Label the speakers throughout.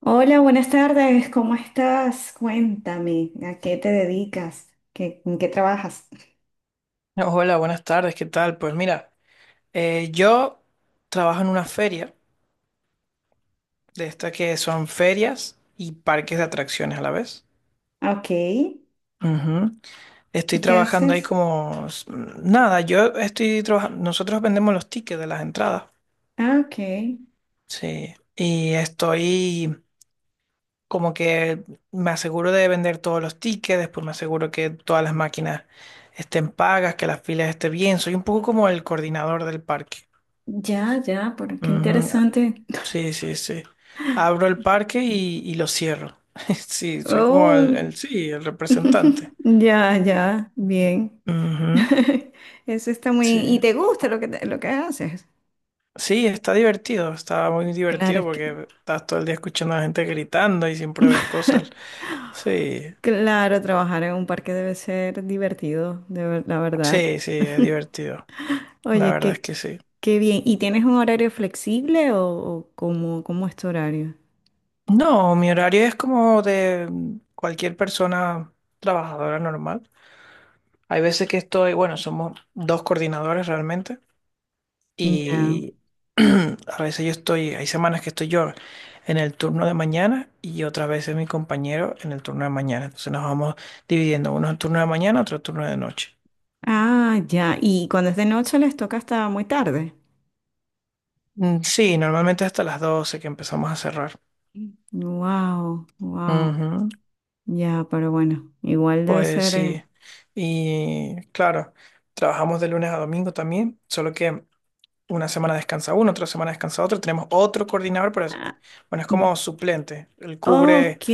Speaker 1: Hola, buenas tardes, ¿cómo estás? Cuéntame, ¿a qué te dedicas? ¿En qué trabajas?
Speaker 2: Hola, buenas tardes, ¿qué tal? Pues mira, yo trabajo en una feria, de estas que son ferias y parques de atracciones a la vez.
Speaker 1: Ah, ok, ¿y
Speaker 2: Ujú. Estoy
Speaker 1: qué
Speaker 2: trabajando ahí
Speaker 1: haces?
Speaker 2: como... Nada, yo estoy trabajando... Nosotros vendemos los tickets de las entradas,
Speaker 1: Ah, ok,
Speaker 2: sí. Y estoy como que me aseguro de vender todos los tickets, después me aseguro que todas las máquinas estén pagas, que las filas estén bien. Soy un poco como el coordinador del parque.
Speaker 1: ya, ya, pero qué
Speaker 2: Ujú.
Speaker 1: interesante.
Speaker 2: Sí, sí, sí. Abro el parque y lo cierro. Sí, soy como el,
Speaker 1: Oh,
Speaker 2: sí, el representante.
Speaker 1: ya, ya, bien.
Speaker 2: Ujú.
Speaker 1: Eso está muy...
Speaker 2: Sí.
Speaker 1: ¿Y te gusta lo que haces?
Speaker 2: Sí, está divertido, está muy
Speaker 1: Claro,
Speaker 2: divertido
Speaker 1: es que...
Speaker 2: porque estás todo el día escuchando a la gente gritando y siempre ves cosas. Sí,
Speaker 1: Claro, trabajar en un parque debe ser divertido, la verdad.
Speaker 2: sí, sí, es divertido. La
Speaker 1: Oye,
Speaker 2: verdad es
Speaker 1: qué,
Speaker 2: que sí.
Speaker 1: qué bien. ¿Y tienes un horario flexible o cómo, cómo es tu horario?
Speaker 2: No, mi horario es como de cualquier persona trabajadora normal. Hay veces que estoy, bueno, somos dos coordinadores realmente.
Speaker 1: Ya.
Speaker 2: Y a veces yo estoy, hay semanas que estoy yo en el turno de mañana y otras veces mi compañero en el turno de mañana. Entonces nos vamos dividiendo, uno en turno de mañana, otro turno de noche.
Speaker 1: Ah, ya. ¿Y cuando es de noche les toca hasta muy tarde?
Speaker 2: Mm, sí, normalmente hasta las 12:00 que empezamos a cerrar.
Speaker 1: Wow, wow.
Speaker 2: Ujú.
Speaker 1: Ya, pero bueno, igual debe
Speaker 2: Pues
Speaker 1: ser.
Speaker 2: sí. Y claro, trabajamos de lunes a domingo también, solo que una semana descansa uno, otra semana descansa otro. Tenemos otro coordinador, pero es,
Speaker 1: Ah,
Speaker 2: bueno, es como suplente. Él cubre
Speaker 1: ok.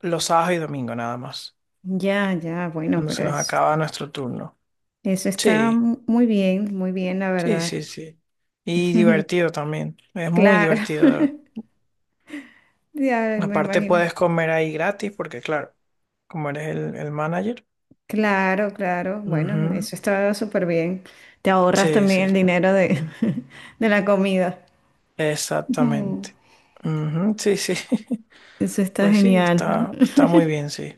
Speaker 2: los sábados y domingos nada más.
Speaker 1: Ya, ya, bueno,
Speaker 2: Cuando se nos acaba nuestro turno.
Speaker 1: eso está
Speaker 2: Sí,
Speaker 1: muy bien, la
Speaker 2: sí,
Speaker 1: verdad.
Speaker 2: sí, sí. Y divertido también. Es muy
Speaker 1: Claro.
Speaker 2: divertido.
Speaker 1: Ya me
Speaker 2: Aparte
Speaker 1: imagino.
Speaker 2: puedes comer ahí gratis porque, claro, como eres el manager.
Speaker 1: Claro, claro. Bueno,
Speaker 2: Ujú.
Speaker 1: eso está súper bien. Te ahorras
Speaker 2: Sí, sí,
Speaker 1: también el dinero de la comida. Ujú.
Speaker 2: exactamente. Ujú. Sí, sí.
Speaker 1: Eso está
Speaker 2: Pues sí,
Speaker 1: genial.
Speaker 2: está, está muy bien, sí.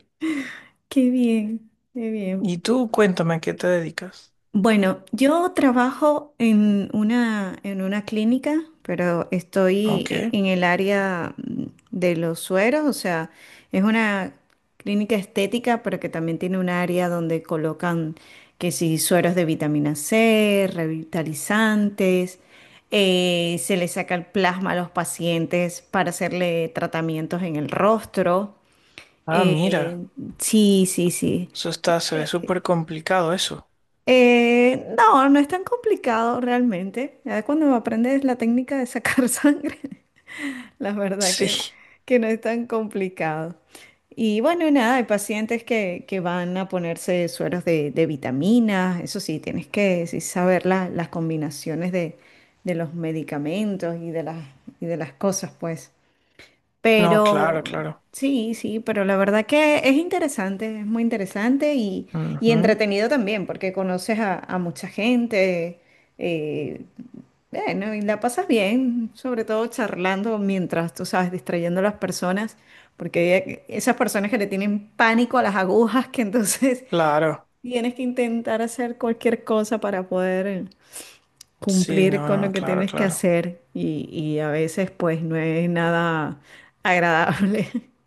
Speaker 1: Qué bien, qué bien.
Speaker 2: Y tú, cuéntame, ¿a qué te dedicas?
Speaker 1: Bueno, yo trabajo en una clínica, pero estoy
Speaker 2: Ok.
Speaker 1: en el área, de los sueros, o sea, es una clínica estética, pero que también tiene un área donde colocan que si sueros de vitamina C, revitalizantes, se le saca el plasma a los pacientes para hacerle tratamientos en el rostro.
Speaker 2: Ah, mira.
Speaker 1: Eh, sí, sí, sí.
Speaker 2: Eso está, se ve súper complicado eso.
Speaker 1: No, no es tan complicado realmente. Ya cuando aprendes la técnica de sacar sangre, la verdad
Speaker 2: Sí.
Speaker 1: que no es tan complicado. Y bueno, nada, hay pacientes que van a ponerse sueros de vitaminas, eso sí, tienes que, sí, saber las combinaciones de los medicamentos y de y de las cosas, pues.
Speaker 2: No, claro,
Speaker 1: Pero
Speaker 2: claro.
Speaker 1: sí, sí, pero la verdad que es interesante, es muy interesante y
Speaker 2: Ujú.
Speaker 1: entretenido también, porque conoces a mucha gente, eh, bueno, y la pasas bien, sobre todo charlando mientras, tú sabes, distrayendo a las personas, porque esas personas que le tienen pánico a las agujas, que entonces
Speaker 2: Claro.
Speaker 1: tienes que intentar hacer cualquier cosa para poder
Speaker 2: Sí, no,
Speaker 1: cumplir con lo
Speaker 2: no,
Speaker 1: que
Speaker 2: claro,
Speaker 1: tienes que
Speaker 2: claro.
Speaker 1: hacer y a veces pues no es nada agradable.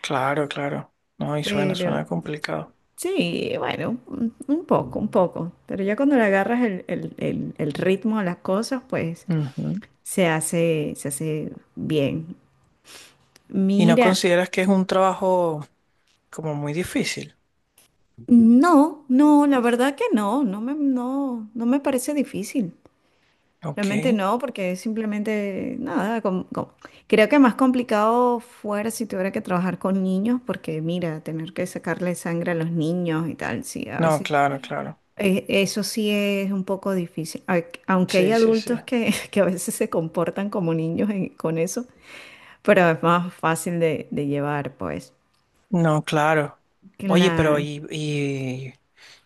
Speaker 2: Claro, claro. No, y suena,
Speaker 1: Pero
Speaker 2: suena complicado.
Speaker 1: sí, bueno, un poco, un poco. Pero ya cuando le agarras el ritmo a las cosas, pues
Speaker 2: Ujú.
Speaker 1: se hace bien.
Speaker 2: ¿Y no
Speaker 1: Mira,
Speaker 2: consideras que es un trabajo como muy difícil?
Speaker 1: no, no, la verdad que no, no, no me parece difícil. Realmente
Speaker 2: Ok.
Speaker 1: no, porque simplemente nada, creo que más complicado fuera si tuviera que trabajar con niños, porque mira, tener que sacarle sangre a los niños y tal, sí, a
Speaker 2: No,
Speaker 1: veces
Speaker 2: claro, claro.
Speaker 1: Eso sí es un poco difícil. Ay, aunque hay
Speaker 2: Sí, sí, sí.
Speaker 1: adultos que, que a veces se comportan como niños con eso, pero es más fácil de llevar, pues.
Speaker 2: No, claro. Oye, pero
Speaker 1: Cla-
Speaker 2: y, y,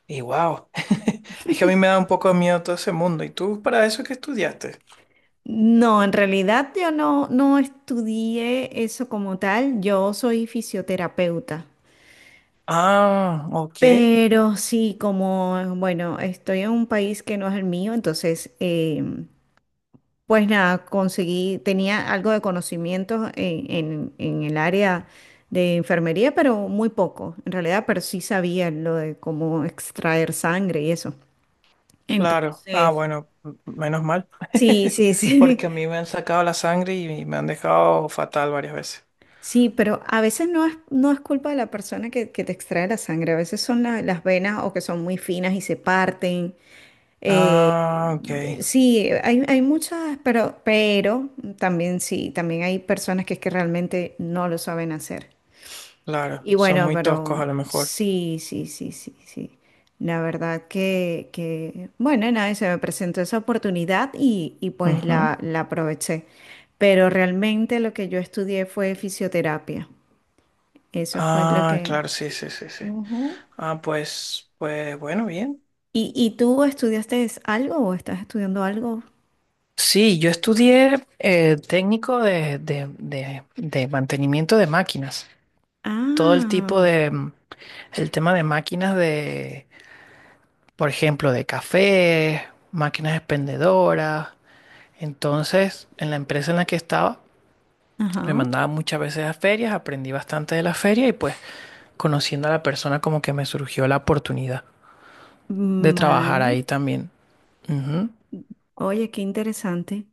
Speaker 2: y wow. Es que a mí me da un poco de miedo todo ese mundo. ¿Y tú para eso qué estudiaste?
Speaker 1: No, en realidad yo no, no estudié eso como tal, yo soy fisioterapeuta,
Speaker 2: Ah, ok.
Speaker 1: pero sí, como, bueno, estoy en un país que no es el mío, entonces... Pues nada, conseguí, tenía algo de conocimientos en, en el área de enfermería, pero muy poco, en realidad, pero sí sabía lo de cómo extraer sangre y eso.
Speaker 2: Claro. Ah,
Speaker 1: Entonces,
Speaker 2: bueno, menos mal.
Speaker 1: sí, sí, sí,
Speaker 2: Porque a mí me han sacado la sangre y me han dejado fatal varias veces.
Speaker 1: sí, pero a veces no es, no es culpa de la persona que te extrae la sangre, a veces son las venas o que son muy finas y se parten.
Speaker 2: Ah, ok,
Speaker 1: Sí, hay muchas, pero también sí, también hay personas que es que realmente no lo saben hacer.
Speaker 2: claro,
Speaker 1: Y
Speaker 2: son
Speaker 1: bueno,
Speaker 2: muy toscos
Speaker 1: pero
Speaker 2: a lo mejor.
Speaker 1: sí, sí, sí, sí, sí. La verdad que bueno, nada, se me presentó esa oportunidad y pues
Speaker 2: Ujú.
Speaker 1: la aproveché. Pero realmente lo que yo estudié fue fisioterapia. Eso fue lo
Speaker 2: Ah,
Speaker 1: que...
Speaker 2: claro, sí, sí, sí, sí. Ah, pues, pues bueno, bien.
Speaker 1: ¿Y, y tú estudiaste algo o estás estudiando algo?
Speaker 2: Sí, yo estudié técnico de mantenimiento de máquinas. Todo el tipo
Speaker 1: Ah,
Speaker 2: de, el tema de máquinas de, por ejemplo, de café, máquinas expendedoras. Entonces, en la empresa en la que estaba, me
Speaker 1: ajá.
Speaker 2: mandaban muchas veces a ferias, aprendí bastante de las ferias y pues conociendo a la persona como que me surgió la oportunidad de trabajar
Speaker 1: Vale.
Speaker 2: ahí también. Ujú.
Speaker 1: Oye, qué interesante.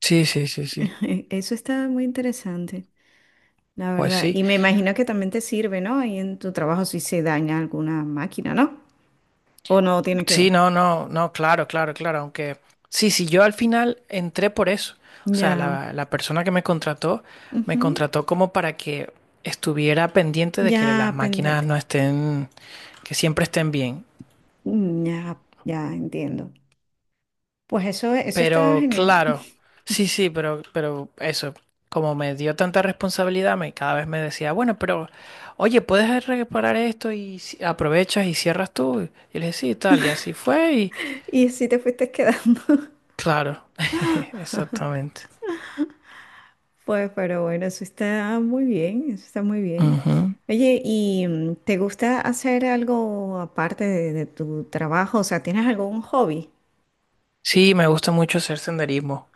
Speaker 2: Sí, sí, sí, sí.
Speaker 1: Eso está muy interesante. La
Speaker 2: Pues
Speaker 1: verdad,
Speaker 2: sí.
Speaker 1: y me imagino que también te sirve, ¿no? Y en tu trabajo si se daña alguna máquina, ¿no? O no tiene que
Speaker 2: Sí,
Speaker 1: ver.
Speaker 2: no, no, no, claro, claro, claro. Aunque sí, sí, yo al final entré por eso. O sea,
Speaker 1: Ya,
Speaker 2: la persona que me
Speaker 1: ujú,
Speaker 2: contrató como para que estuviera pendiente de que las
Speaker 1: ya
Speaker 2: máquinas
Speaker 1: pendiente.
Speaker 2: no estén, que siempre estén bien.
Speaker 1: Mm, ya, ya entiendo. Pues eso está
Speaker 2: Pero
Speaker 1: genial.
Speaker 2: claro, sí, sí, pero eso, como me dio tanta responsabilidad, me, cada vez me decía, bueno, pero oye, puedes reparar esto y aprovechas y cierras tú. Y le dije, sí, tal, y así fue, y
Speaker 1: Y así te fuiste quedando.
Speaker 2: claro, exactamente.
Speaker 1: Pues, pero bueno, eso está muy bien, eso está muy bien.
Speaker 2: Ujú.
Speaker 1: Oye, ¿y te gusta hacer algo aparte de tu trabajo? O sea, ¿tienes algún hobby?
Speaker 2: Sí, me gusta mucho hacer senderismo.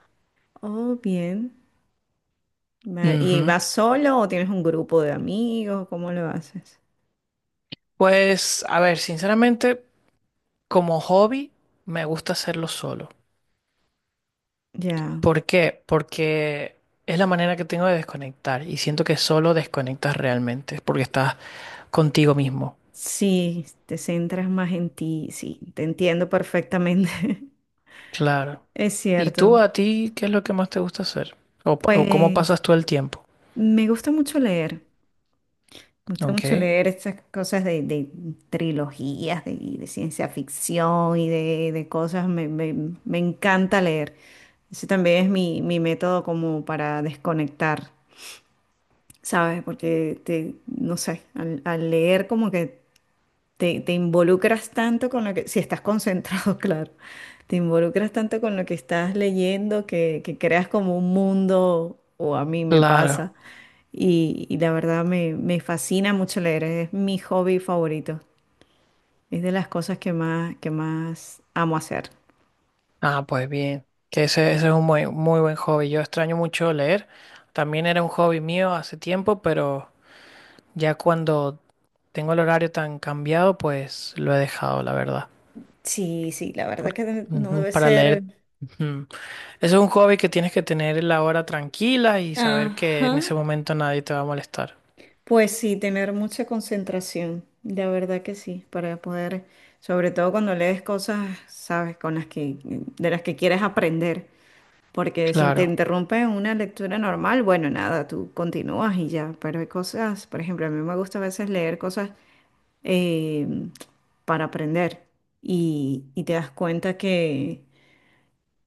Speaker 1: Oh, bien. Vale, ¿y
Speaker 2: Ujú.
Speaker 1: vas solo o tienes un grupo de amigos? ¿Cómo lo haces?
Speaker 2: Pues, a ver, sinceramente, como hobby, me gusta hacerlo solo.
Speaker 1: Ya,
Speaker 2: ¿Por qué? Porque es la manera que tengo de desconectar y siento que solo desconectas realmente, es porque estás contigo mismo.
Speaker 1: sí, te centras más en ti, sí, te entiendo perfectamente.
Speaker 2: Claro.
Speaker 1: Es
Speaker 2: ¿Y tú
Speaker 1: cierto.
Speaker 2: a ti qué es lo que más te gusta hacer? ¿O, o cómo
Speaker 1: Pues
Speaker 2: pasas tú el tiempo?
Speaker 1: me gusta mucho leer, me gusta mucho
Speaker 2: Ok.
Speaker 1: leer estas cosas de trilogías, de ciencia ficción y de cosas, me encanta leer. Ese también es mi, mi método como para desconectar, ¿sabes? Porque te, no sé, al leer como que te involucras tanto con lo que, si estás concentrado, claro, te involucras tanto con lo que estás leyendo que creas como un mundo, o a mí me pasa,
Speaker 2: Claro.
Speaker 1: y la verdad me, me fascina mucho leer, es mi hobby favorito, es de las cosas que más amo hacer.
Speaker 2: Ah, pues bien. Que ese es un muy, muy buen hobby. Yo extraño mucho leer. También era un hobby mío hace tiempo, pero ya cuando tengo el horario tan cambiado, pues lo he dejado, la verdad.
Speaker 1: Sí, sí, la verdad
Speaker 2: Por-
Speaker 1: que no
Speaker 2: ujú,
Speaker 1: debe
Speaker 2: para
Speaker 1: ser.
Speaker 2: leer. Ujú. Eso es un hobby que tienes que tener la hora tranquila y saber que
Speaker 1: Ajá.
Speaker 2: en ese momento nadie te va a molestar.
Speaker 1: Pues sí, tener mucha concentración, la verdad que sí, para poder, sobre todo cuando lees cosas, sabes, de las que quieres aprender, porque si te
Speaker 2: Claro.
Speaker 1: interrumpe una lectura normal, bueno, nada, tú continúas y ya, pero hay cosas, por ejemplo, a mí me gusta a veces leer cosas eh, para aprender y te das cuenta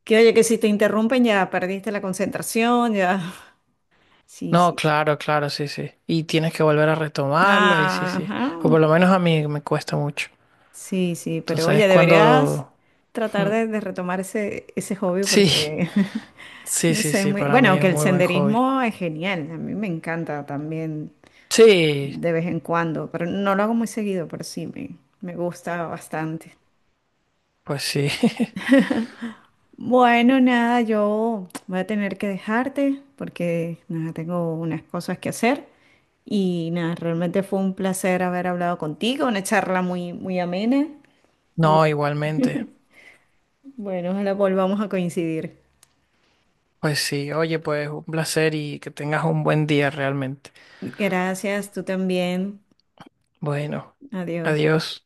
Speaker 1: que, oye, que si te interrumpen ya perdiste la concentración, ya, sí,
Speaker 2: No,
Speaker 1: sí, sí.
Speaker 2: claro, claro, sí, sí. Y tienes que volver a retomarlo y sí, sí.
Speaker 1: Ajá,
Speaker 2: O por lo menos a mí me cuesta mucho.
Speaker 1: sí, sí, pero
Speaker 2: Entonces,
Speaker 1: oye, deberías
Speaker 2: cuando...
Speaker 1: tratar
Speaker 2: ujú.
Speaker 1: de retomar ese, ese hobby
Speaker 2: Sí,
Speaker 1: porque,
Speaker 2: sí,
Speaker 1: no
Speaker 2: sí,
Speaker 1: sé,
Speaker 2: sí,
Speaker 1: muy...
Speaker 2: para
Speaker 1: Bueno,
Speaker 2: mí es
Speaker 1: aunque el
Speaker 2: muy buen hobby.
Speaker 1: senderismo es genial, a mí me encanta también
Speaker 2: Sí,
Speaker 1: de vez en cuando, pero no lo hago muy seguido, pero sí, me gusta bastante.
Speaker 2: pues sí.
Speaker 1: Bueno, nada, yo voy a tener que dejarte porque, nada, tengo unas cosas que hacer y nada, realmente fue un placer haber hablado contigo, una charla muy, muy amena y
Speaker 2: No, igualmente.
Speaker 1: bueno, ojalá volvamos a coincidir.
Speaker 2: Pues sí, oye, pues un placer y que tengas un buen día realmente.
Speaker 1: Gracias, tú también.
Speaker 2: Bueno,
Speaker 1: Adiós.
Speaker 2: adiós.